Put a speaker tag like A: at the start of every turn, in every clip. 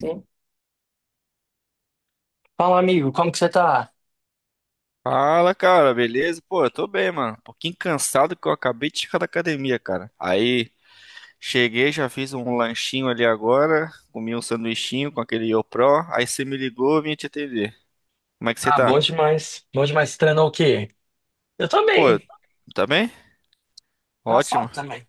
A: Sim. Fala, amigo, como que você tá?
B: Fala, cara, beleza? Pô, eu tô bem, mano. Um pouquinho cansado que eu acabei de chegar da academia, cara. Aí cheguei, já fiz um lanchinho ali agora, comi um sanduichinho com aquele YoPro. Aí você me ligou, eu vim te atender. Como é que você
A: Ah, bom
B: tá?
A: demais. Bom demais. Você treinou o quê? Eu
B: Pô,
A: também
B: eu-
A: bem.
B: tá bem? Ótimo.
A: Engraçado também.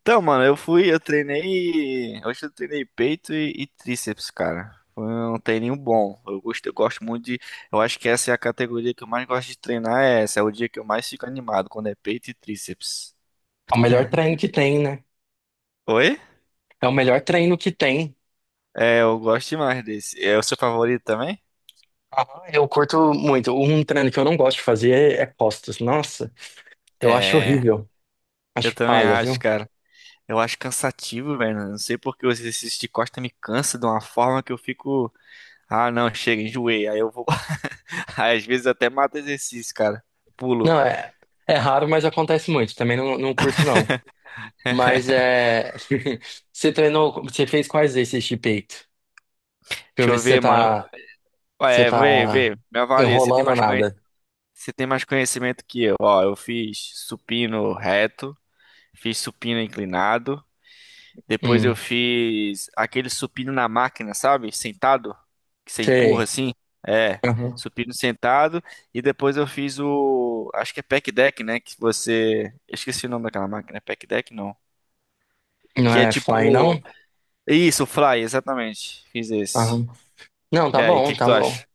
B: Então, mano, eu fui, eu treinei. Hoje eu treinei peito e tríceps, cara. Foi um treininho bom. Eu gosto muito de. Eu acho que essa é a categoria que eu mais gosto de treinar. É essa, é o dia que eu mais fico animado, quando é peito e tríceps.
A: É o melhor treino que tem, né?
B: Oi?
A: É o melhor treino que tem.
B: É, eu gosto demais desse. É o seu favorito também?
A: Aham, eu curto muito. Um treino que eu não gosto de fazer é costas. Nossa, eu acho
B: É,
A: horrível.
B: eu
A: Acho
B: também
A: paia,
B: acho,
A: viu?
B: cara. Eu acho cansativo, velho. Não sei porque o exercício de costa me cansa de uma forma que eu fico. Ah, não, chega, enjoei. Aí eu vou. Aí, às vezes eu até mato exercício, cara. Pulo.
A: Não, é, é raro, mas acontece muito. Também não, não curto, não. Mas é. Você treinou. Você fez quais exercícios de peito? Pra eu
B: Deixa
A: ver
B: eu
A: se você
B: ver, mano.
A: tá. Você
B: É, vê.
A: tá
B: Me avalia. Você tem
A: enrolando ou
B: mais conhe...
A: nada.
B: Você tem mais conhecimento que eu. Ó, eu fiz supino reto, fiz supino inclinado. Depois eu
A: Hum,
B: fiz aquele supino na máquina, sabe? Sentado, que você empurra
A: sei.
B: assim. É,
A: Aham.
B: supino sentado. E depois eu fiz o, acho que é pec deck, né? Que você, eu esqueci o nome daquela máquina, é pack deck não.
A: Não
B: Que é
A: é fly,
B: tipo,
A: não?
B: isso, fly, exatamente. Fiz esse.
A: Aham. Não,
B: E
A: tá
B: aí, o
A: bom,
B: que que
A: tá
B: tu
A: bom.
B: acha?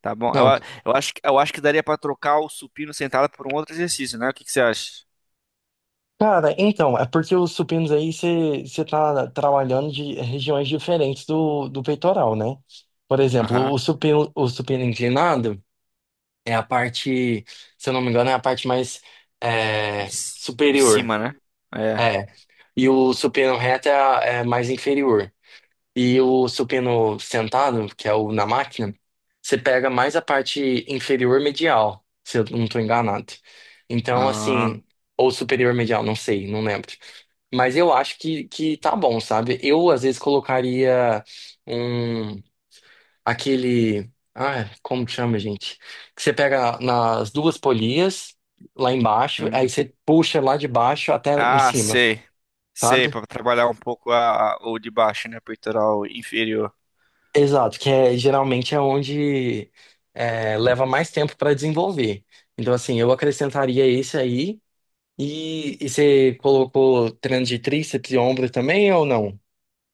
B: Tá bom? Eu,
A: Não.
B: a- eu acho que daria pra trocar o supino sentado por um outro exercício, né? O que que você acha?
A: Cara, então, é porque os supinos aí você tá trabalhando de regiões diferentes do peitoral, né? Por exemplo,
B: Aham.
A: o supino inclinado é a parte, se eu não me engano, é a parte mais
B: De,
A: é,
B: c- de
A: superior.
B: cima, né? É.
A: É. E o supino reto é, é mais inferior. E o supino sentado, que é o na máquina, você pega mais a parte inferior medial, se eu não estou enganado. Então,
B: Ah.
A: assim, ou superior medial, não sei, não lembro. Mas eu acho que tá bom, sabe? Eu, às vezes, colocaria um... aquele... Ah, como que chama, gente? Que você pega nas duas polias, lá embaixo, aí
B: Uhum.
A: você puxa lá de baixo até em
B: Ah,
A: cima,
B: sei. Sei,
A: sabe?
B: para trabalhar um pouco a, o de baixo, né? Peitoral inferior.
A: Exato, que é, geralmente é onde é, leva mais tempo para desenvolver. Então, assim, eu acrescentaria esse aí. E você colocou treino de tríceps e ombro também ou não?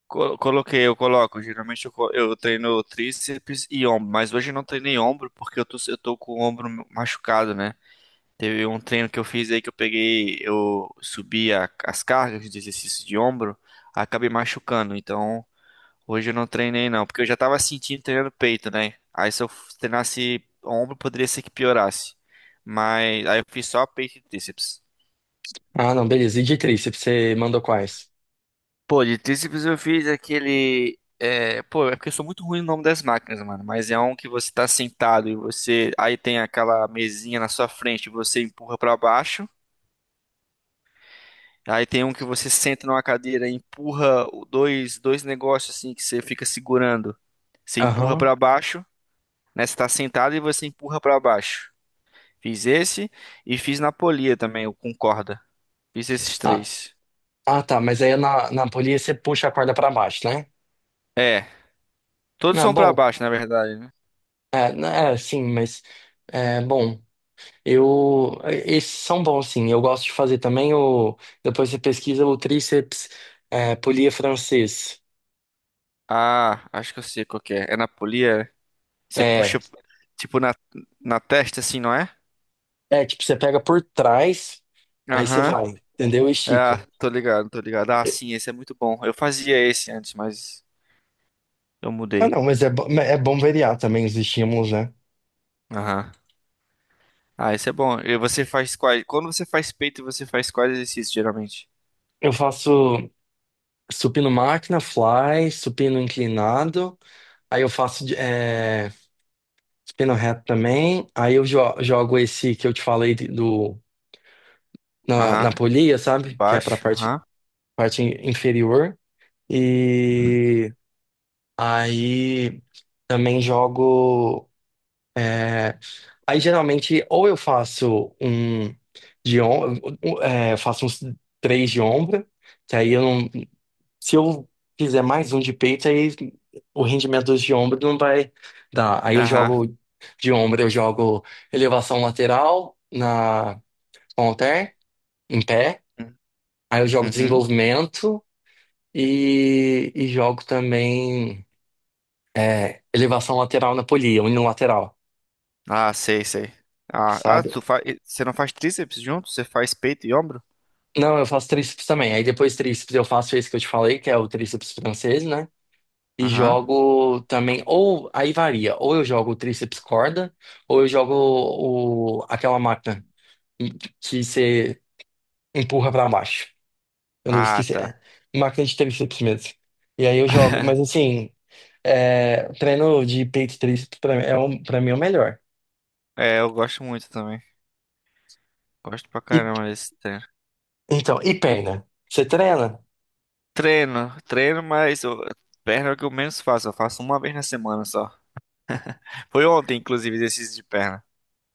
B: Co- coloquei, eu coloco. Geralmente eu, co- eu treino tríceps e ombro, mas hoje eu não treinei ombro porque eu tô com o ombro machucado, né? Teve um treino que eu fiz aí que eu peguei, eu subi a- as cargas de exercício de ombro, acabei machucando. Então hoje eu não treinei não, porque eu já tava sentindo treinando peito, né? Aí se eu treinasse ombro, poderia ser que piorasse. Mas aí eu fiz só peito e tríceps.
A: Ah, não, beleza. E de tríceps, você mandou quais?
B: Pô, de tríceps eu fiz aquele. É, pô, é porque eu sou muito ruim no nome das máquinas, mano. Mas é um que você tá sentado e você. Aí tem aquela mesinha na sua frente e você empurra pra baixo. Aí tem um que você senta numa cadeira e empurra o- dois, dois negócios assim que você fica segurando. Você empurra
A: Aham.
B: pra baixo, né? Você tá sentado e você empurra pra baixo. Fiz esse e fiz na polia também, o com corda. Fiz esses
A: Ah,
B: três.
A: ah, tá, mas aí na polia você puxa a corda para baixo, né?
B: É, todos
A: Ah,
B: são pra
A: bom.
B: baixo, na verdade, né?
A: É, né, é sim, mas é bom. Eu, esses são bons, sim. Eu gosto de fazer também o. Depois você pesquisa o tríceps é, polia francês.
B: Ah, acho que eu sei qual que é. É na polia? Você
A: É,
B: puxa, tipo, na testa, assim, não é?
A: é tipo, você pega por trás, aí você
B: Aham.
A: vai, entendeu?
B: Ah,
A: Estica.
B: tô ligado, tô ligado. Ah,
A: É,
B: sim, esse é muito bom. Eu fazia esse antes, mas eu
A: ah,
B: mudei.
A: não, mas é, é bom variar também os estímulos, né?
B: Aham. Ah, esse é bom. E você faz quais? Quando você faz peito, você faz quais exercícios, geralmente?
A: Eu faço supino máquina, fly, supino inclinado, aí eu faço é, supino reto também, aí eu jogo esse que eu te falei do, na
B: Aham.
A: polia, sabe? Que é pra
B: Baixo.
A: parte,
B: Aham.
A: parte inferior. E aí também jogo. É, aí geralmente ou eu faço um de om... é, eu faço uns três de ombro, que aí eu não. Se eu fizer mais um de peito, aí o rendimento dos de ombro não vai dar. Aí eu
B: Aham.
A: jogo de ombro, eu jogo elevação lateral na com halter, em pé. Aí eu jogo
B: Uhum.
A: desenvolvimento e jogo também. É, elevação lateral na polia, unilateral,
B: Ah, sei, sei. Ah, ah,
A: sabe?
B: tu faz. Você não faz tríceps junto? Você faz peito e ombro?
A: Não, eu faço tríceps também. Aí depois tríceps eu faço esse que eu te falei, que é o tríceps francês, né? E
B: Aham.
A: jogo também, ou aí varia, ou eu jogo o tríceps corda, ou eu jogo o, aquela máquina que você empurra pra baixo. Eu não
B: Ah,
A: esqueci,
B: tá.
A: é máquina de tríceps mesmo. E aí eu jogo, mas assim, é, treino de peito e tríceps pra mim é, pra mim é o melhor.
B: É, eu gosto muito também. Gosto pra
A: E,
B: caramba desse.
A: então, e perna? Você treina?
B: Treino, treino, mas eu- perna é o que eu menos faço. Eu faço uma vez na semana só. Foi ontem, inclusive, exercício de perna.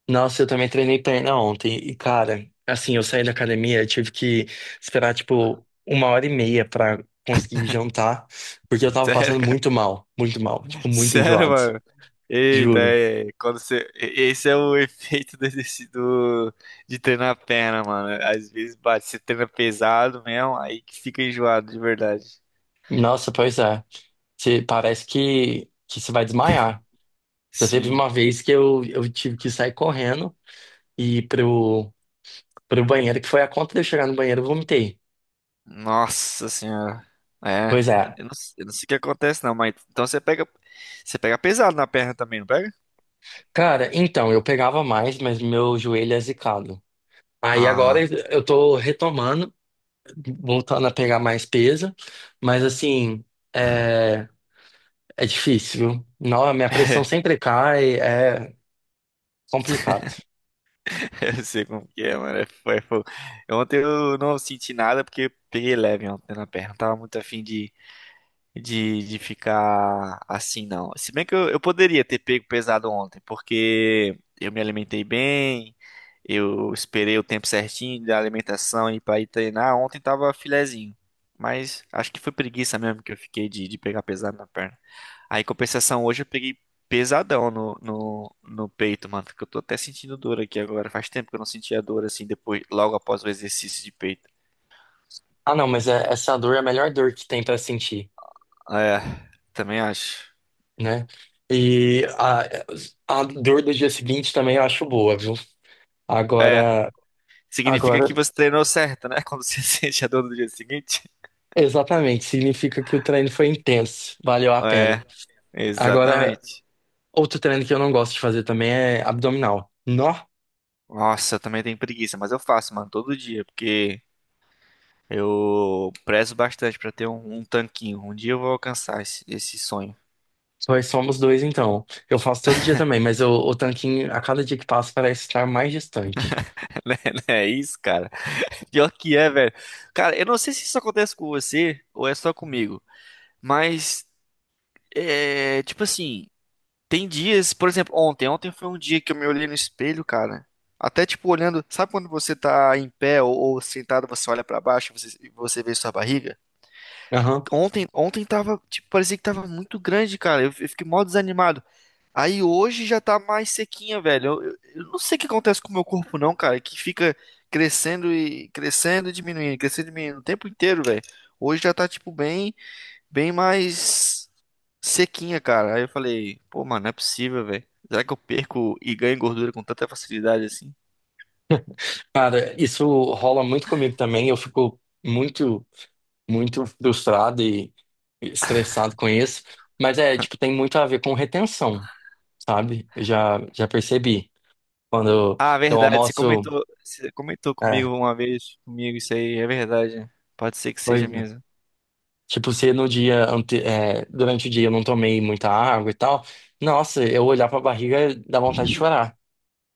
A: Nossa, eu também treinei perna ontem. E, cara, assim, eu saí da academia, eu tive que esperar, tipo, 1h30 pra conseguir jantar, porque eu tava
B: Sério,
A: passando
B: cara.
A: muito mal, tipo, muito
B: Sério,
A: enjoado,
B: mano. Eita,
A: juro.
B: é, quando você... e- esse é o efeito do exercício do- de treinar a perna, mano. Às vezes bate, você treina pesado mesmo, aí que fica enjoado de verdade.
A: Nossa, pois é. Você, parece que você vai desmaiar. Já teve
B: Sim.
A: uma vez que eu tive que sair correndo e ir pro, pro banheiro, que foi a conta de eu chegar no banheiro, eu vomitei.
B: Nossa senhora.
A: Pois
B: É,
A: é.
B: eu não sei o que acontece não, mas então você pega pesado na perna também, não pega?
A: Cara, então, eu pegava mais, mas meu joelho é zicado. Aí agora
B: Ah.
A: eu tô retomando, voltando a pegar mais peso, mas assim, é, é difícil, viu? Não, a minha pressão sempre cai, é complicado.
B: Eu sei como que é, mano. É fo- é fogo. Ontem eu não senti nada porque peguei leve ontem na perna. Não tava muito afim de, de ficar assim, não. Se bem que eu poderia ter pego pesado ontem, porque eu me alimentei bem, eu esperei o tempo certinho da alimentação e para ir treinar. Ontem tava filezinho. Mas acho que foi preguiça mesmo que eu fiquei de pegar pesado na perna. Aí, em compensação, hoje eu peguei pesadão no peito, mano. Que eu tô até sentindo dor aqui agora. Faz tempo que eu não sentia dor assim, depois, logo após o exercício de peito.
A: Ah, não, mas essa dor é a melhor dor que tem pra sentir,
B: É, também acho.
A: né? E a dor do dia seguinte também eu acho boa, viu?
B: É.
A: Agora,
B: Significa
A: agora,
B: que você treinou certo, né? Quando você sente a dor do dia seguinte.
A: exatamente, significa que o treino foi intenso, valeu a pena.
B: É,
A: Agora,
B: exatamente.
A: outro treino que eu não gosto de fazer também é abdominal. Nó!
B: Nossa, eu também tenho preguiça, mas eu faço, mano, todo dia, porque eu prezo bastante pra ter um, um tanquinho. Um dia eu vou alcançar esse, esse sonho.
A: Nós somos dois, então. Eu faço todo dia também, mas o tanquinho, a cada dia que passa, parece estar mais distante.
B: Né? Não é isso, cara. Pior que é, velho. Cara, eu não sei se isso acontece com você ou é só comigo, mas é tipo assim. Tem dias, por exemplo, ontem. Ontem foi um dia que eu me olhei no espelho, cara. Até tipo olhando, sabe quando você tá em pé ou sentado, você olha pra baixo e você vê sua barriga?
A: Aham.
B: Ontem, ontem tava, tipo, parecia que tava muito grande, cara. Eu fiquei mó desanimado. Aí hoje já tá mais sequinha, velho. Eu não sei o que acontece com o meu corpo, não, cara, que fica crescendo e crescendo e diminuindo o tempo inteiro, velho. Hoje já tá tipo bem, bem mais sequinha, cara. Aí eu falei, pô, mano, não é possível, velho. Será que eu perco e ganho gordura com tanta facilidade assim?
A: Cara, isso rola muito comigo também. Eu fico muito, muito frustrado e estressado com isso. Mas é, tipo, tem muito a ver com retenção, sabe? Eu já percebi. Quando
B: Ah,
A: eu
B: verdade,
A: almoço,
B: você comentou comigo
A: é,
B: uma vez, comigo isso aí, é verdade. Né? Pode ser que seja
A: pois, é.
B: mesmo.
A: Tipo, se no dia, ante, é, durante o dia eu não tomei muita água e tal, nossa, eu olhar pra barriga dá vontade de chorar.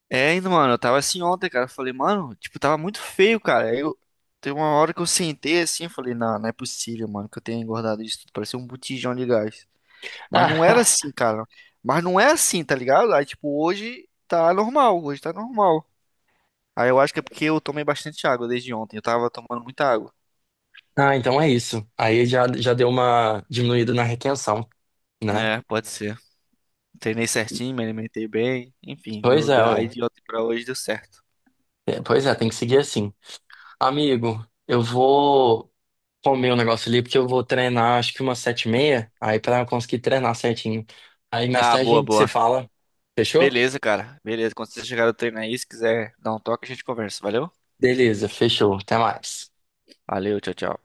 B: É, e, mano, eu tava assim ontem, cara. Eu falei, mano, tipo, tava muito feio, cara. Aí eu tem uma hora que eu sentei assim, eu falei, não, não é possível, mano, que eu tenha engordado isso tudo. Parecia um botijão de gás. Mas não era assim, cara. Mas não é assim, tá ligado? Aí, tipo, hoje tá normal, hoje tá normal. Aí eu acho que é porque eu tomei bastante água desde ontem. Eu tava tomando muita água.
A: Ah, então é isso. Aí já deu uma diminuída na retenção, né?
B: É, pode ser. Treinei certinho, me alimentei bem. Enfim,
A: Pois
B: deu,
A: é,
B: deu- aí
A: ué.
B: de ontem pra hoje deu certo.
A: É, pois é, tem que seguir assim. Amigo, eu vou comer um negócio ali, porque eu vou treinar acho que umas 7h30, aí pra eu conseguir treinar certinho. Aí mais
B: Ah,
A: tarde a
B: boa,
A: gente se
B: boa.
A: fala. Fechou?
B: Beleza, cara. Beleza. Quando você chegar no treino aí, se quiser dar um toque, a gente conversa. Valeu?
A: Beleza, fechou. Até mais.
B: Valeu, tchau, tchau.